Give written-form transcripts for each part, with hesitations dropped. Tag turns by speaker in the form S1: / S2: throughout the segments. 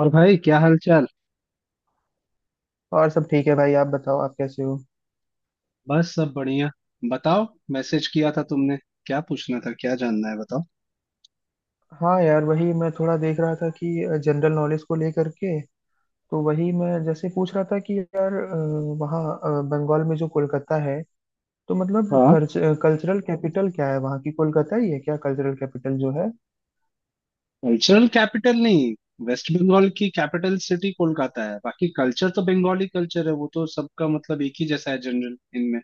S1: और भाई, क्या हाल चाल।
S2: और सब ठीक है भाई, आप बताओ आप कैसे हो।
S1: बस सब बढ़िया। बताओ, मैसेज किया था तुमने? क्या पूछना था, क्या जानना है, बताओ।
S2: हाँ यार, वही मैं थोड़ा देख रहा था कि जनरल नॉलेज को लेकर के तो वही मैं जैसे पूछ रहा था कि यार वहाँ बंगाल में जो कोलकाता है तो मतलब
S1: हाँ,
S2: कल्चरल कैपिटल क्या है वहाँ की। कोलकाता ही है क्या कल्चरल कैपिटल जो है?
S1: कल्चरल कैपिटल नहीं। वेस्ट बंगाल की कैपिटल सिटी कोलकाता है, बाकी कल्चर तो बंगाली कल्चर है, वो तो सबका मतलब एक ही जैसा है जनरल इनमें।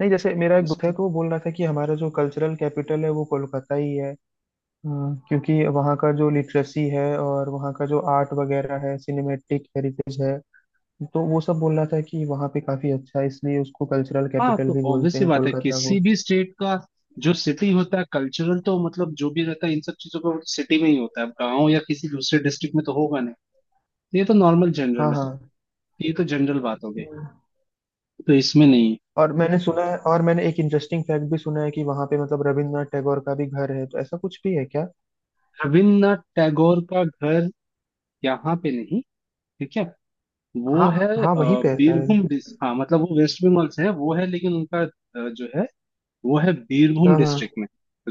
S2: नहीं, जैसे मेरा एक
S1: वैसे
S2: दोस्त है
S1: तो,
S2: तो वो बोल रहा था कि हमारा जो कल्चरल कैपिटल है वो कोलकाता ही है। हाँ, क्योंकि वहाँ का जो लिटरेसी है और वहाँ का जो आर्ट वगैरह है, सिनेमेटिक हेरिटेज है, तो वो सब बोल रहा था कि वहाँ पे काफी अच्छा है, इसलिए उसको कल्चरल
S1: हाँ
S2: कैपिटल
S1: तो
S2: भी
S1: ऑब्वियस
S2: बोलते
S1: सी
S2: हैं
S1: बात है
S2: कोलकाता को।
S1: किसी भी स्टेट का। जो सिटी होता है कल्चरल तो मतलब जो भी रहता है इन सब चीजों का सिटी में ही होता है। अब गाँव या किसी दूसरे डिस्ट्रिक्ट में तो होगा नहीं। तो ये तो नॉर्मल
S2: हाँ
S1: जनरल
S2: हाँ।
S1: है। ये तो जनरल बात हो गई।
S2: हम्म।
S1: तो इसमें नहीं है।
S2: और मैंने सुना है, और मैंने एक इंटरेस्टिंग फैक्ट भी सुना है कि वहाँ पे मतलब रविंद्रनाथ टैगोर का भी घर है, तो ऐसा कुछ भी है क्या?
S1: रविन्द्रनाथ टैगोर का घर यहाँ पे नहीं, ठीक है। वो
S2: हाँ
S1: है
S2: हाँ, वहीं पे है शायद।
S1: बीरभूम डिस, हाँ, मतलब वो वेस्ट बंगाल से है, वो है, लेकिन उनका जो है, वो है बीरभूम
S2: हाँ हाँ।
S1: डिस्ट्रिक्ट में।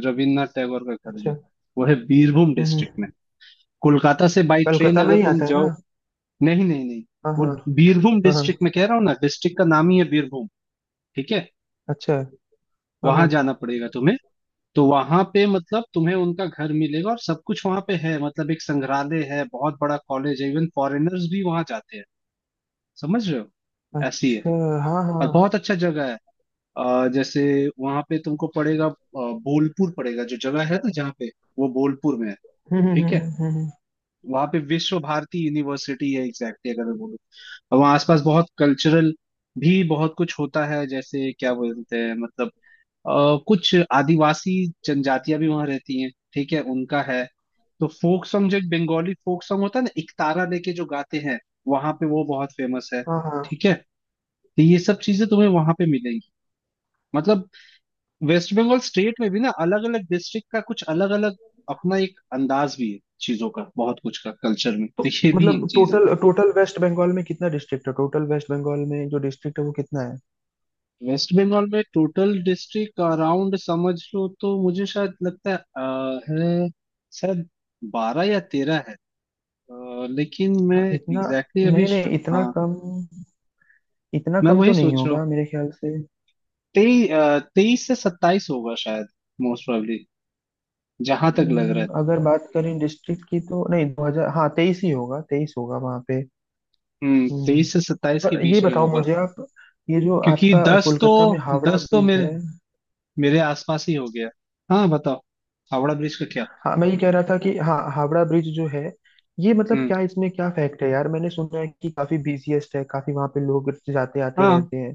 S1: रविन्द्रनाथ टैगोर का घर जो है,
S2: अच्छा।
S1: वो है बीरभूम
S2: हम्म
S1: डिस्ट्रिक्ट में।
S2: हम्म।
S1: कोलकाता से बाई ट्रेन
S2: कलकत्ता में
S1: अगर
S2: ही
S1: तुम
S2: आता है ना?
S1: जाओ। नहीं, नहीं, नहीं,
S2: हाँ
S1: वो
S2: हाँ
S1: बीरभूम
S2: हाँ हाँ।
S1: डिस्ट्रिक्ट में कह रहा हूँ ना, डिस्ट्रिक्ट का नाम ही है बीरभूम, ठीक है।
S2: अच्छा। हाँ हाँ।
S1: वहां जाना पड़ेगा तुम्हें। तो वहां पे मतलब तुम्हें उनका घर मिलेगा और सब कुछ वहां पे है, मतलब एक संग्रहालय है, बहुत बड़ा कॉलेज है, इवन फॉरेनर्स भी वहां जाते हैं, समझ रहे हो। ऐसी है।
S2: अच्छा। हाँ
S1: और
S2: हाँ।
S1: बहुत अच्छा जगह है। जैसे वहां पे तुमको पड़ेगा बोलपुर पड़ेगा, जो जगह है ना, जहाँ पे वो बोलपुर में है।
S2: हम्म हम्म
S1: ठीक
S2: हम्म
S1: है।
S2: हम्म हम्म, हम्म।
S1: वहां पे विश्व भारती यूनिवर्सिटी है एग्जैक्टली अगर मैं बोलूँ। और वहाँ आसपास बहुत कल्चरल भी बहुत कुछ होता है, जैसे क्या बोलते हैं मतलब कुछ आदिवासी जनजातियां भी वहां रहती हैं, ठीक है, उनका है। तो फोक सॉन्ग, जो एक बंगाली फोक सॉन्ग होता है ना, इकतारा लेके जो गाते हैं, वहां पे वो बहुत फेमस है।
S2: हाँ हाँ।
S1: ठीक है। तो ये सब चीजें तुम्हें वहां पे मिलेंगी। मतलब वेस्ट बंगाल स्टेट में भी ना अलग अलग डिस्ट्रिक्ट का कुछ अलग अलग अपना एक अंदाज भी है चीजों का, बहुत कुछ का कल्चर में,
S2: तो
S1: तो ये भी एक
S2: मतलब
S1: चीज है।
S2: टोटल टोटल वेस्ट बंगाल में कितना डिस्ट्रिक्ट है? टोटल वेस्ट बंगाल में जो डिस्ट्रिक्ट है वो कितना है?
S1: वेस्ट बंगाल में टोटल डिस्ट्रिक्ट, अराउंड समझ लो, तो मुझे शायद लगता है, है शायद 12 या 13 है। लेकिन मैं
S2: हाँ,
S1: एग्जैक्टली
S2: इतना?
S1: exactly अभी
S2: नहीं नहीं, इतना
S1: हाँ,
S2: कम, इतना
S1: मैं
S2: कम
S1: वही
S2: तो नहीं
S1: सोच रहा हूँ।
S2: होगा मेरे ख्याल से।
S1: तेई तेईस से 27 होगा शायद, मोस्ट प्रोबेबली, जहां तक लग रहा है।
S2: अगर बात करें डिस्ट्रिक्ट की तो नहीं, दो हजार, हाँ 23 ही होगा, 23 होगा वहाँ पे।
S1: हम्म,
S2: हम्म,
S1: 23 से सत्ताईस के
S2: पर ये
S1: बीच में
S2: बताओ
S1: होगा।
S2: मुझे आप, ये जो
S1: क्योंकि
S2: आपका
S1: दस तो
S2: कोलकाता में हावड़ा
S1: दस तो
S2: ब्रिज
S1: मेरे
S2: है,
S1: मेरे आसपास ही हो गया। हाँ, बताओ, हावड़ा ब्रिज का क्या।
S2: हाँ मैं ये कह रहा था कि हाँ, हावड़ा ब्रिज जो है, ये मतलब
S1: हम्म।
S2: क्या इसमें क्या फैक्ट है यार? मैंने सुना है कि काफी बिजीएस्ट है, काफी वहाँ पे लोग जाते आते
S1: हाँ,
S2: रहते हैं।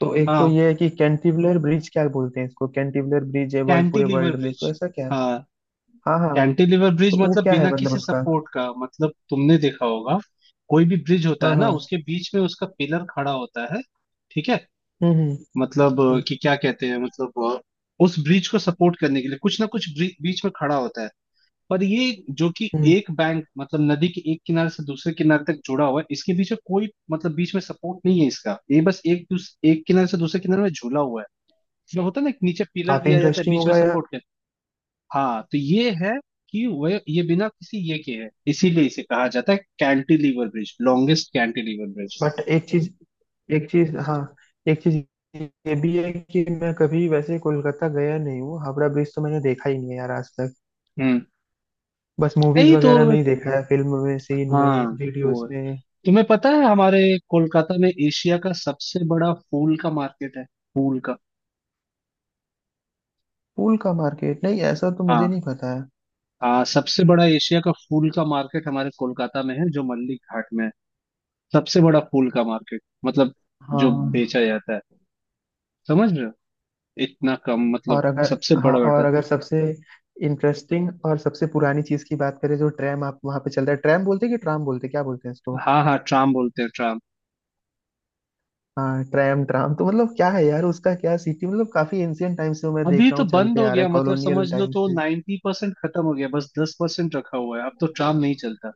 S2: तो एक तो
S1: हाँ,
S2: ये है कि कैंटिवुलर ब्रिज क्या बोलते हैं इसको, कैंटिवुलर ब्रिज है वर्ल्ड, पूरे
S1: कैंटिलीवर
S2: वर्ल्ड में,
S1: ब्रिज।
S2: तो ऐसा क्या?
S1: हाँ,
S2: हाँ हाँ।
S1: कैंटिलीवर ब्रिज
S2: तो वो
S1: मतलब
S2: क्या
S1: बिना
S2: है मतलब
S1: किसी
S2: उसका?
S1: सपोर्ट का, मतलब तुमने देखा होगा। कोई भी ब्रिज होता
S2: हाँ
S1: है ना,
S2: हाँ।
S1: उसके बीच में उसका पिलर खड़ा होता है, ठीक है।
S2: हम्म हम्म
S1: मतलब
S2: हम्म
S1: कि क्या कहते हैं, मतलब उस ब्रिज को सपोर्ट करने के लिए कुछ ना कुछ बीच में खड़ा होता है। पर ये, जो कि
S2: हम्म।
S1: एक बैंक, मतलब नदी के एक किनारे से दूसरे किनारे तक जुड़ा हुआ है, इसके बीच में कोई मतलब बीच में सपोर्ट नहीं है इसका, ये बस एक एक किनारे से दूसरे किनारे में झूला हुआ है। जो होता है ना कि नीचे पिलर
S2: काफी
S1: दिया जाता है
S2: इंटरेस्टिंग
S1: बीच में
S2: होगा यार।
S1: सपोर्ट के। हाँ, तो ये है कि वह ये बिना किसी ये के है, इसीलिए इसे कहा जाता है cantilever bridge, longest cantilever bridge.
S2: But एक चीज, एक चीज, हाँ, एक चीज ये भी है कि मैं कभी वैसे कोलकाता गया नहीं हूँ, हावड़ा ब्रिज तो मैंने देखा ही नहीं है यार आज तक।
S1: हम्म।
S2: बस मूवीज
S1: नहीं तो,
S2: वगैरह में ही देखा है, फिल्म में, सीन
S1: हाँ,
S2: में,
S1: वो
S2: वीडियोस
S1: है।
S2: में।
S1: तुम्हें पता है, हमारे कोलकाता में एशिया का सबसे बड़ा फूल का मार्केट है। फूल का।
S2: फूल का मार्केट? नहीं, ऐसा तो मुझे
S1: हाँ,
S2: नहीं पता है।
S1: हाँ, सबसे बड़ा एशिया का फूल का मार्केट हमारे कोलकाता में है, जो मल्लिक घाट में है। सबसे बड़ा फूल का मार्केट, मतलब जो
S2: हाँ
S1: बेचा जाता है, समझ रहे हो। इतना कम मतलब,
S2: और अगर,
S1: सबसे
S2: हाँ
S1: बड़ा
S2: और
S1: बेटा।
S2: अगर सबसे इंटरेस्टिंग और सबसे पुरानी चीज की बात करें, जो ट्रैम आप वहां पे चलता है, ट्रैम बोलते हैं कि ट्राम बोलते हैं, क्या बोलते हैं इसको?
S1: हाँ, हाँ, ट्राम बोलते हैं, ट्राम।
S2: हाँ ट्रैम, ट्राम तो मतलब क्या है यार उसका? क्या सिटी, मतलब काफी एंशियंट टाइम से मैं देख
S1: अभी
S2: रहा
S1: तो
S2: हूँ
S1: बंद
S2: चलते
S1: हो
S2: आ रहा
S1: गया,
S2: है,
S1: मतलब समझ
S2: कॉलोनियल
S1: लो,
S2: टाइम
S1: तो
S2: से।
S1: 90% खत्म हो गया, बस 10% रखा हुआ है, अब तो ट्राम नहीं चलता।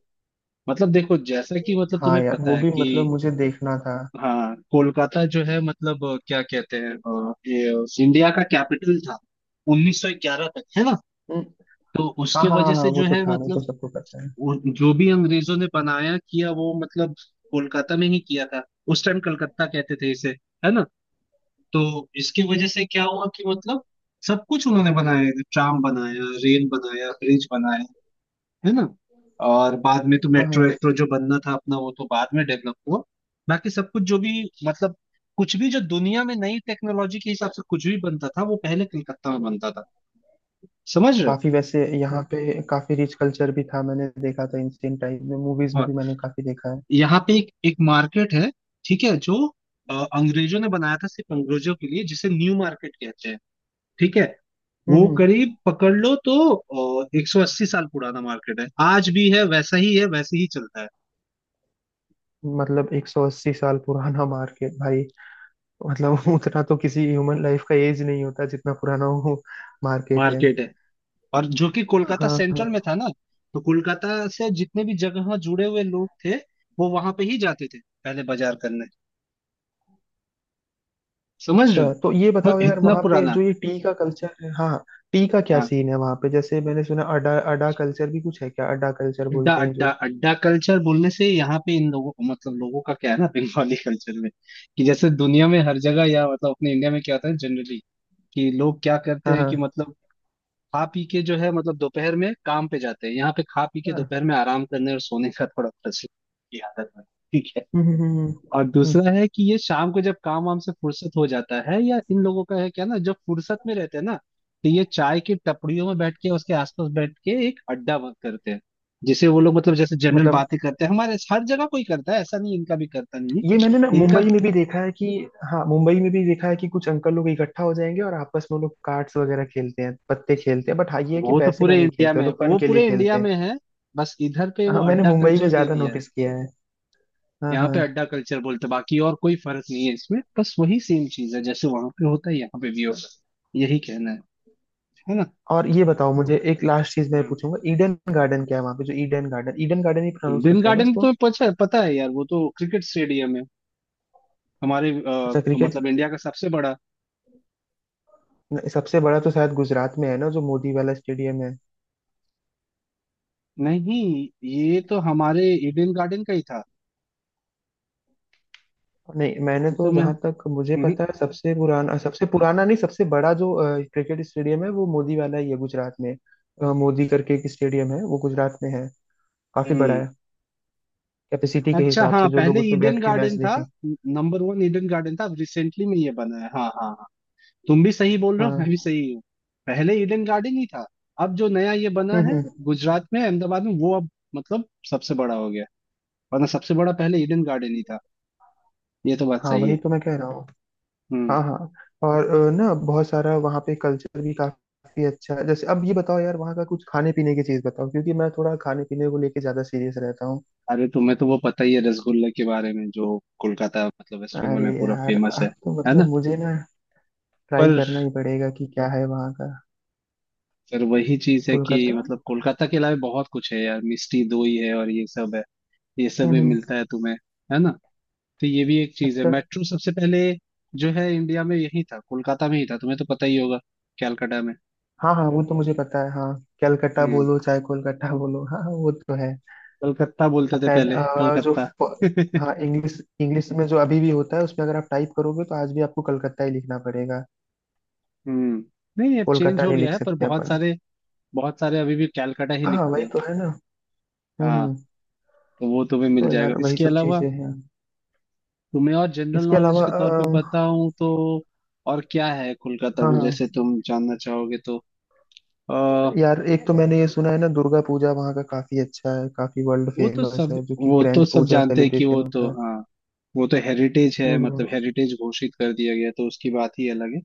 S1: मतलब देखो, जैसा कि मतलब
S2: हाँ
S1: तुम्हें
S2: यार, वो
S1: पता है
S2: भी
S1: कि,
S2: मतलब मुझे देखना था।
S1: हाँ, कोलकाता जो है मतलब क्या कहते हैं ये इंडिया का कैपिटल था 1911 तक, है ना।
S2: हम्म,
S1: तो
S2: हाँ
S1: उसके
S2: हाँ
S1: वजह
S2: हाँ हाँ,
S1: से
S2: वो
S1: जो
S2: तो
S1: है
S2: था, वो
S1: मतलब
S2: तो सबको पता है।
S1: जो भी अंग्रेजों ने बनाया किया, वो मतलब कोलकाता में ही किया था। उस टाइम कलकत्ता कहते थे इसे, है ना। तो इसकी वजह से क्या हुआ कि मतलब सब कुछ उन्होंने बनाया, ट्राम बनाया, रेल बनाया, ब्रिज बनाया, है ना। और बाद में तो
S2: हाँ
S1: मेट्रो
S2: हाँ।
S1: वेट्रो जो बनना था अपना, वो तो बाद में डेवलप हुआ। बाकी सब कुछ जो भी मतलब, कुछ भी जो दुनिया में नई टेक्नोलॉजी के हिसाब से कुछ भी बनता था, वो पहले कलकत्ता में बनता था, समझ रहे
S2: काफी वैसे यहाँ पे काफी रिच कल्चर भी था, मैंने देखा था एंशियंट टाइम में मूवीज
S1: हो।
S2: में
S1: और
S2: भी मैंने काफी देखा है।
S1: यहाँ पे एक एक मार्केट है, ठीक है, जो अंग्रेजों ने बनाया था सिर्फ अंग्रेजों के लिए, जिसे न्यू मार्केट कहते हैं, ठीक है।
S2: हम्म
S1: वो
S2: हम्म,
S1: करीब पकड़ लो तो 180 साल पुराना मार्केट है, आज भी है, वैसा ही है, वैसे ही चलता है।
S2: मतलब 180 साल पुराना मार्केट भाई! मतलब उतना तो किसी ह्यूमन लाइफ का एज नहीं होता जितना पुराना वो मार्केट है।
S1: मार्केट है, और जो कि कोलकाता
S2: हाँ हाँ।
S1: सेंट्रल में था ना, तो कोलकाता से जितने भी जगह जुड़े हुए लोग थे, वो वहां पे ही जाते थे पहले, बाजार करने, समझ
S2: अच्छा
S1: रहे
S2: तो ये
S1: हो
S2: बताओ यार,
S1: इतना
S2: वहाँ पे
S1: पुराना।
S2: जो ये टी का कल्चर है, हाँ, टी का क्या
S1: हाँ,
S2: सीन है वहाँ पे? जैसे मैंने सुना अडा, अडा कल्चर भी कुछ है क्या? अडा कल्चर
S1: अड्डा
S2: बोलते हैं
S1: अड्डा
S2: जो।
S1: अड्डा कल्चर बोलने से यहाँ पे इन लोगों मतलब लोगों का क्या है ना, बंगाली कल्चर में कि जैसे दुनिया में हर जगह या मतलब अपने इंडिया में क्या होता है जनरली, कि लोग क्या करते
S2: हाँ
S1: हैं कि
S2: हाँ
S1: मतलब खा पी के जो है मतलब दोपहर में काम पे जाते हैं, यहाँ पे खा पी के
S2: हाँ।
S1: दोपहर में आराम करने और सोने का थोड़ा प्रचलित की आदत है, ठीक है।
S2: हम्म हम्म हम्म हम्म।
S1: और
S2: हम्म,
S1: दूसरा है कि ये शाम को जब काम वाम से फुर्सत हो जाता है या इन लोगों का है क्या ना, जब फुर्सत में रहते हैं ना, तो ये चाय की टपड़ियों में बैठ के, उसके आसपास बैठ के, एक अड्डा बंद करते हैं, जिसे वो लोग मतलब जैसे जनरल
S2: मतलब
S1: बातें करते हैं हमारे हर जगह कोई करता है ऐसा नहीं, इनका भी करता नहीं है
S2: ये मैंने ना
S1: इनका।
S2: मुंबई में भी देखा है कि, हाँ, मुंबई में भी देखा है कि कुछ अंकल लोग इकट्ठा हो जाएंगे और आपस में वो लोग कार्ड्स वगैरह खेलते हैं, पत्ते खेलते हैं। बट हाँ, ये है कि
S1: वो तो
S2: पैसे
S1: पूरे
S2: का नहीं
S1: इंडिया
S2: खेलते,
S1: में
S2: वो
S1: है,
S2: लोग फन
S1: वो
S2: के लिए
S1: पूरे इंडिया
S2: खेलते हैं।
S1: में है। बस इधर पे वो
S2: हाँ, मैंने
S1: अड्डा
S2: मुंबई में
S1: कल्चर दे
S2: ज्यादा
S1: दिया है,
S2: नोटिस किया है। हाँ
S1: यहाँ
S2: हाँ।
S1: पे अड्डा कल्चर बोलते हैं, बाकी और कोई फर्क नहीं है इसमें, बस वही सेम चीज है जैसे वहां पे होता है यहाँ पे भी होता है, यही कहना है। है
S2: और ये बताओ मुझे, एक लास्ट चीज मैं
S1: ना।
S2: पूछूंगा, ईडन गार्डन क्या है वहां पे जो? ईडन गार्डन, ईडन गार्डन ही प्रोनाउंस
S1: ईडन
S2: करते हैं ना
S1: गार्डन
S2: उसको?
S1: तो पता पता है यार, वो तो क्रिकेट स्टेडियम है, हमारे
S2: अच्छा, क्रिकेट।
S1: मतलब इंडिया का सबसे बड़ा।
S2: सबसे बड़ा तो शायद गुजरात में है ना, जो मोदी वाला स्टेडियम है।
S1: नहीं, ये तो हमारे ईडन गार्डन का ही था।
S2: नहीं, मैंने
S1: ये तो
S2: तो
S1: मैं,
S2: जहां तक मुझे
S1: हम्म।
S2: पता है सबसे पुराना, सबसे पुराना नहीं, सबसे बड़ा जो क्रिकेट स्टेडियम है वो मोदी वाला ही है गुजरात में। मोदी करके एक स्टेडियम है, वो गुजरात में है, काफी बड़ा
S1: हम्म।
S2: है, कैपेसिटी के
S1: अच्छा,
S2: हिसाब से,
S1: हाँ,
S2: जो लोग
S1: पहले
S2: उसमें
S1: ईडन
S2: बैठ के
S1: गार्डन
S2: मैच
S1: था,
S2: देखें।
S1: नंबर वन ईडन गार्डन था। अब रिसेंटली में ये बना है। हाँ, हाँ, हाँ। तुम भी सही बोल रहे हो, मैं भी
S2: हाँ।
S1: सही हूँ। पहले ईडन गार्डन ही था। अब जो नया ये बना है
S2: हम्म।
S1: गुजरात में, अहमदाबाद में, वो अब मतलब सबसे बड़ा हो गया। वरना सबसे बड़ा पहले ईडन गार्डन ही था, ये तो बात
S2: हाँ,
S1: सही
S2: वही
S1: है।
S2: तो मैं कह रहा हूँ।
S1: हम्म।
S2: हाँ हाँ। और ना, बहुत सारा वहाँ पे कल्चर भी काफी अच्छा है। जैसे अब ये बताओ यार, वहाँ का कुछ खाने पीने की चीज बताओ, क्योंकि मैं थोड़ा खाने पीने को लेके ज्यादा सीरियस रहता हूँ।
S1: अरे, तुम्हें तो वो पता ही है रसगुल्ले के बारे में, जो कोलकाता मतलब वेस्ट बंगाल
S2: अरे
S1: में पूरा
S2: यार,
S1: फेमस है
S2: अब तो
S1: है
S2: मतलब
S1: ना।
S2: मुझे ना ट्राई
S1: पर
S2: करना ही पड़ेगा कि क्या है वहाँ का।
S1: फिर वही चीज है कि
S2: कोलकाता।
S1: मतलब कोलकाता के अलावा बहुत कुछ है यार, मिष्टी दोई है और ये सब है, ये सब भी
S2: हम्म।
S1: मिलता है तुम्हें, है ना। तो ये भी एक चीज है।
S2: अच्छा।
S1: मेट्रो सबसे पहले जो है इंडिया में यही था, कोलकाता में ही था, तुम्हें तो पता ही होगा, कैलकाटा में।
S2: हाँ हाँ, वो तो मुझे पता है हाँ। कलकत्ता
S1: हम्म।
S2: बोलो चाहे कोलकाता बोलो, हाँ हाँ, वो तो है।
S1: कलकत्ता बोलते
S2: अब
S1: थे
S2: शायद
S1: पहले, कलकत्ता
S2: हाँ इंग्लिश, इंग्लिश में जो अभी भी होता है उसमें अगर आप टाइप करोगे तो आज भी आपको कलकत्ता ही लिखना पड़ेगा,
S1: हम्म। नहीं, अब चेंज
S2: कोलकाता
S1: हो
S2: नहीं
S1: गया
S2: लिख
S1: है पर
S2: सकते
S1: बहुत
S2: अपन।
S1: सारे बहुत सारे अभी भी कैलकाटा ही
S2: हाँ
S1: लिखते
S2: वही
S1: हैं।
S2: तो है ना। हम्म
S1: हाँ,
S2: हम्म,
S1: तो वो तुम्हें मिल
S2: तो
S1: जाएगा।
S2: यार वही
S1: इसके
S2: सब
S1: अलावा
S2: चीजें हैं।
S1: तुम्हें और जनरल
S2: इसके
S1: नॉलेज
S2: अलावा
S1: के तौर पे बताऊं तो और क्या है कोलकाता
S2: हाँ
S1: में
S2: हाँ।
S1: जैसे तुम जानना चाहोगे तो, आ,
S2: यार एक तो मैंने ये सुना है ना, दुर्गा पूजा वहाँ का काफी अच्छा है, काफी वर्ल्ड
S1: वो तो
S2: फेमस
S1: सब,
S2: है, जो कि ग्रैंड पूजा
S1: जानते हैं कि,
S2: सेलिब्रेशन
S1: वो तो,
S2: होता है।
S1: हाँ, वो तो हेरिटेज है,
S2: हम्म हम्म
S1: मतलब हेरिटेज घोषित कर दिया गया, तो उसकी बात ही अलग है।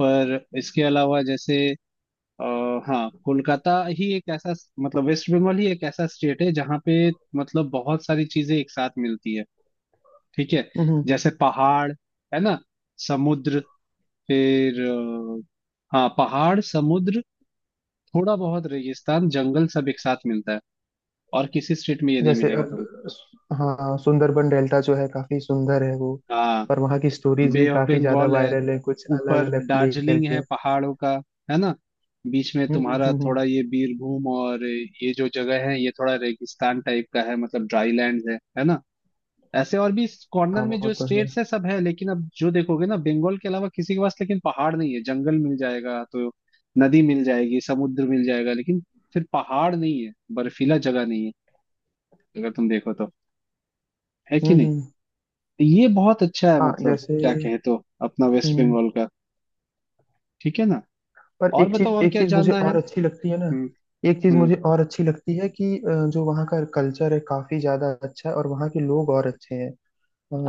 S1: पर इसके अलावा जैसे आ, हाँ, कोलकाता ही एक ऐसा, मतलब वेस्ट बंगाल ही एक ऐसा स्टेट है जहाँ पे मतलब बहुत सारी चीजें एक साथ मिलती है, ठीक है।
S2: हम्म,
S1: जैसे पहाड़, है ना, समुद्र, फिर हाँ, पहाड़, समुद्र, थोड़ा बहुत रेगिस्तान, जंगल, सब एक साथ मिलता है, और किसी स्टेट में ये नहीं
S2: जैसे
S1: मिलेगा
S2: अब
S1: तुम्हें।
S2: हाँ, सुंदरबन डेल्टा जो है काफी सुंदर है वो।
S1: हाँ,
S2: पर वहाँ की स्टोरीज भी
S1: बे ऑफ
S2: काफी ज्यादा
S1: बंगाल है,
S2: वायरल है, कुछ अलग
S1: ऊपर
S2: अलग लेकर
S1: दार्जिलिंग है
S2: के।
S1: पहाड़ों का, है ना। बीच में
S2: हम्म हम्म
S1: तुम्हारा
S2: हम्म,
S1: थोड़ा ये बीरभूम और ये जो जगह है, ये थोड़ा रेगिस्तान टाइप का है, मतलब ड्राई लैंड है ना। ऐसे और भी
S2: हाँ
S1: कॉर्नर में
S2: वो
S1: जो
S2: तो है।
S1: स्टेट्स है सब है, लेकिन अब जो देखोगे ना, बंगाल के अलावा किसी के पास लेकिन पहाड़ नहीं है, जंगल मिल जाएगा तो नदी मिल जाएगी, समुद्र मिल जाएगा लेकिन फिर पहाड़ नहीं है, बर्फीला जगह नहीं है, अगर तुम देखो तो, है कि
S2: हम्म
S1: नहीं।
S2: हम्म,
S1: तो ये बहुत अच्छा है,
S2: हाँ
S1: मतलब
S2: जैसे,
S1: क्या कहे तो अपना वेस्ट
S2: हम्म।
S1: बंगाल का, ठीक है ना।
S2: पर
S1: और
S2: एक
S1: बताओ,
S2: चीज,
S1: और
S2: एक
S1: क्या
S2: चीज मुझे
S1: जानना है।
S2: और अच्छी लगती है ना,
S1: हम्म।
S2: एक चीज
S1: हम्म।
S2: मुझे और अच्छी लगती है कि जो वहाँ का कल्चर है काफी ज्यादा अच्छा है, और वहाँ के लोग और अच्छे हैं।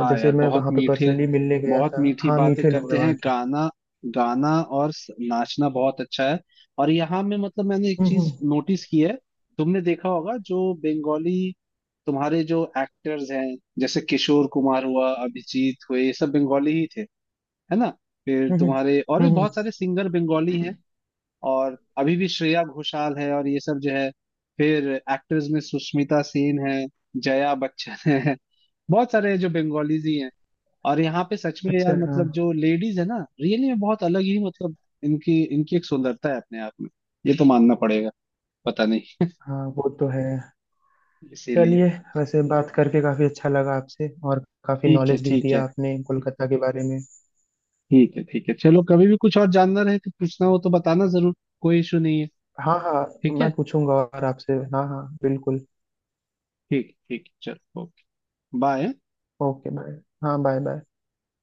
S2: जैसे
S1: यार,
S2: मैं
S1: बहुत
S2: वहाँ पे
S1: मीठे,
S2: पर्सनली मिलने गया
S1: बहुत
S2: था।
S1: मीठी
S2: हाँ,
S1: बातें
S2: मीठे लोग
S1: करते
S2: हैं
S1: हैं।
S2: वहाँ के।
S1: गाना, गाना और नाचना बहुत अच्छा है। और यहाँ में मतलब मैंने एक
S2: हम्म
S1: चीज
S2: हम्म
S1: नोटिस की है, तुमने देखा होगा, जो बंगाली, तुम्हारे जो एक्टर्स हैं जैसे किशोर कुमार हुआ, अभिजीत हुए, ये सब बंगाली ही थे, है ना। फिर
S2: हम्म हम्म
S1: तुम्हारे और भी
S2: हम्म, हम्म।
S1: बहुत सारे सिंगर बंगाली हैं। और अभी भी श्रेया घोषाल है और ये सब जो है। फिर एक्टर्स में सुष्मिता सेन है, जया बच्चन है, बहुत सारे जो बंगालीज ही हैं। और यहाँ पे सच में
S2: अच्छा,
S1: यार,
S2: हाँ
S1: मतलब जो लेडीज है ना, रियली में बहुत अलग ही, मतलब इनकी इनकी एक सुंदरता है अपने आप में, ये तो मानना पड़ेगा, पता नहीं,
S2: हाँ, वो तो है।
S1: इसीलिए।
S2: चलिए, वैसे बात करके काफी अच्छा लगा आपसे, और काफी
S1: ठीक है,
S2: नॉलेज भी
S1: ठीक है।
S2: दिया आपने कोलकाता के बारे में।
S1: ठीक है, ठीक है, चलो, कभी भी कुछ और जानना रहे तो पूछना हो तो बताना जरूर, कोई इशू नहीं है,
S2: हाँ हाँ।
S1: ठीक
S2: मैं
S1: है।
S2: पूछूंगा और आपसे, हाँ हाँ बिल्कुल।
S1: ठीक, ठीक, चलो, ओके, बाय।
S2: Okay, bye. हाँ, बाय बाय।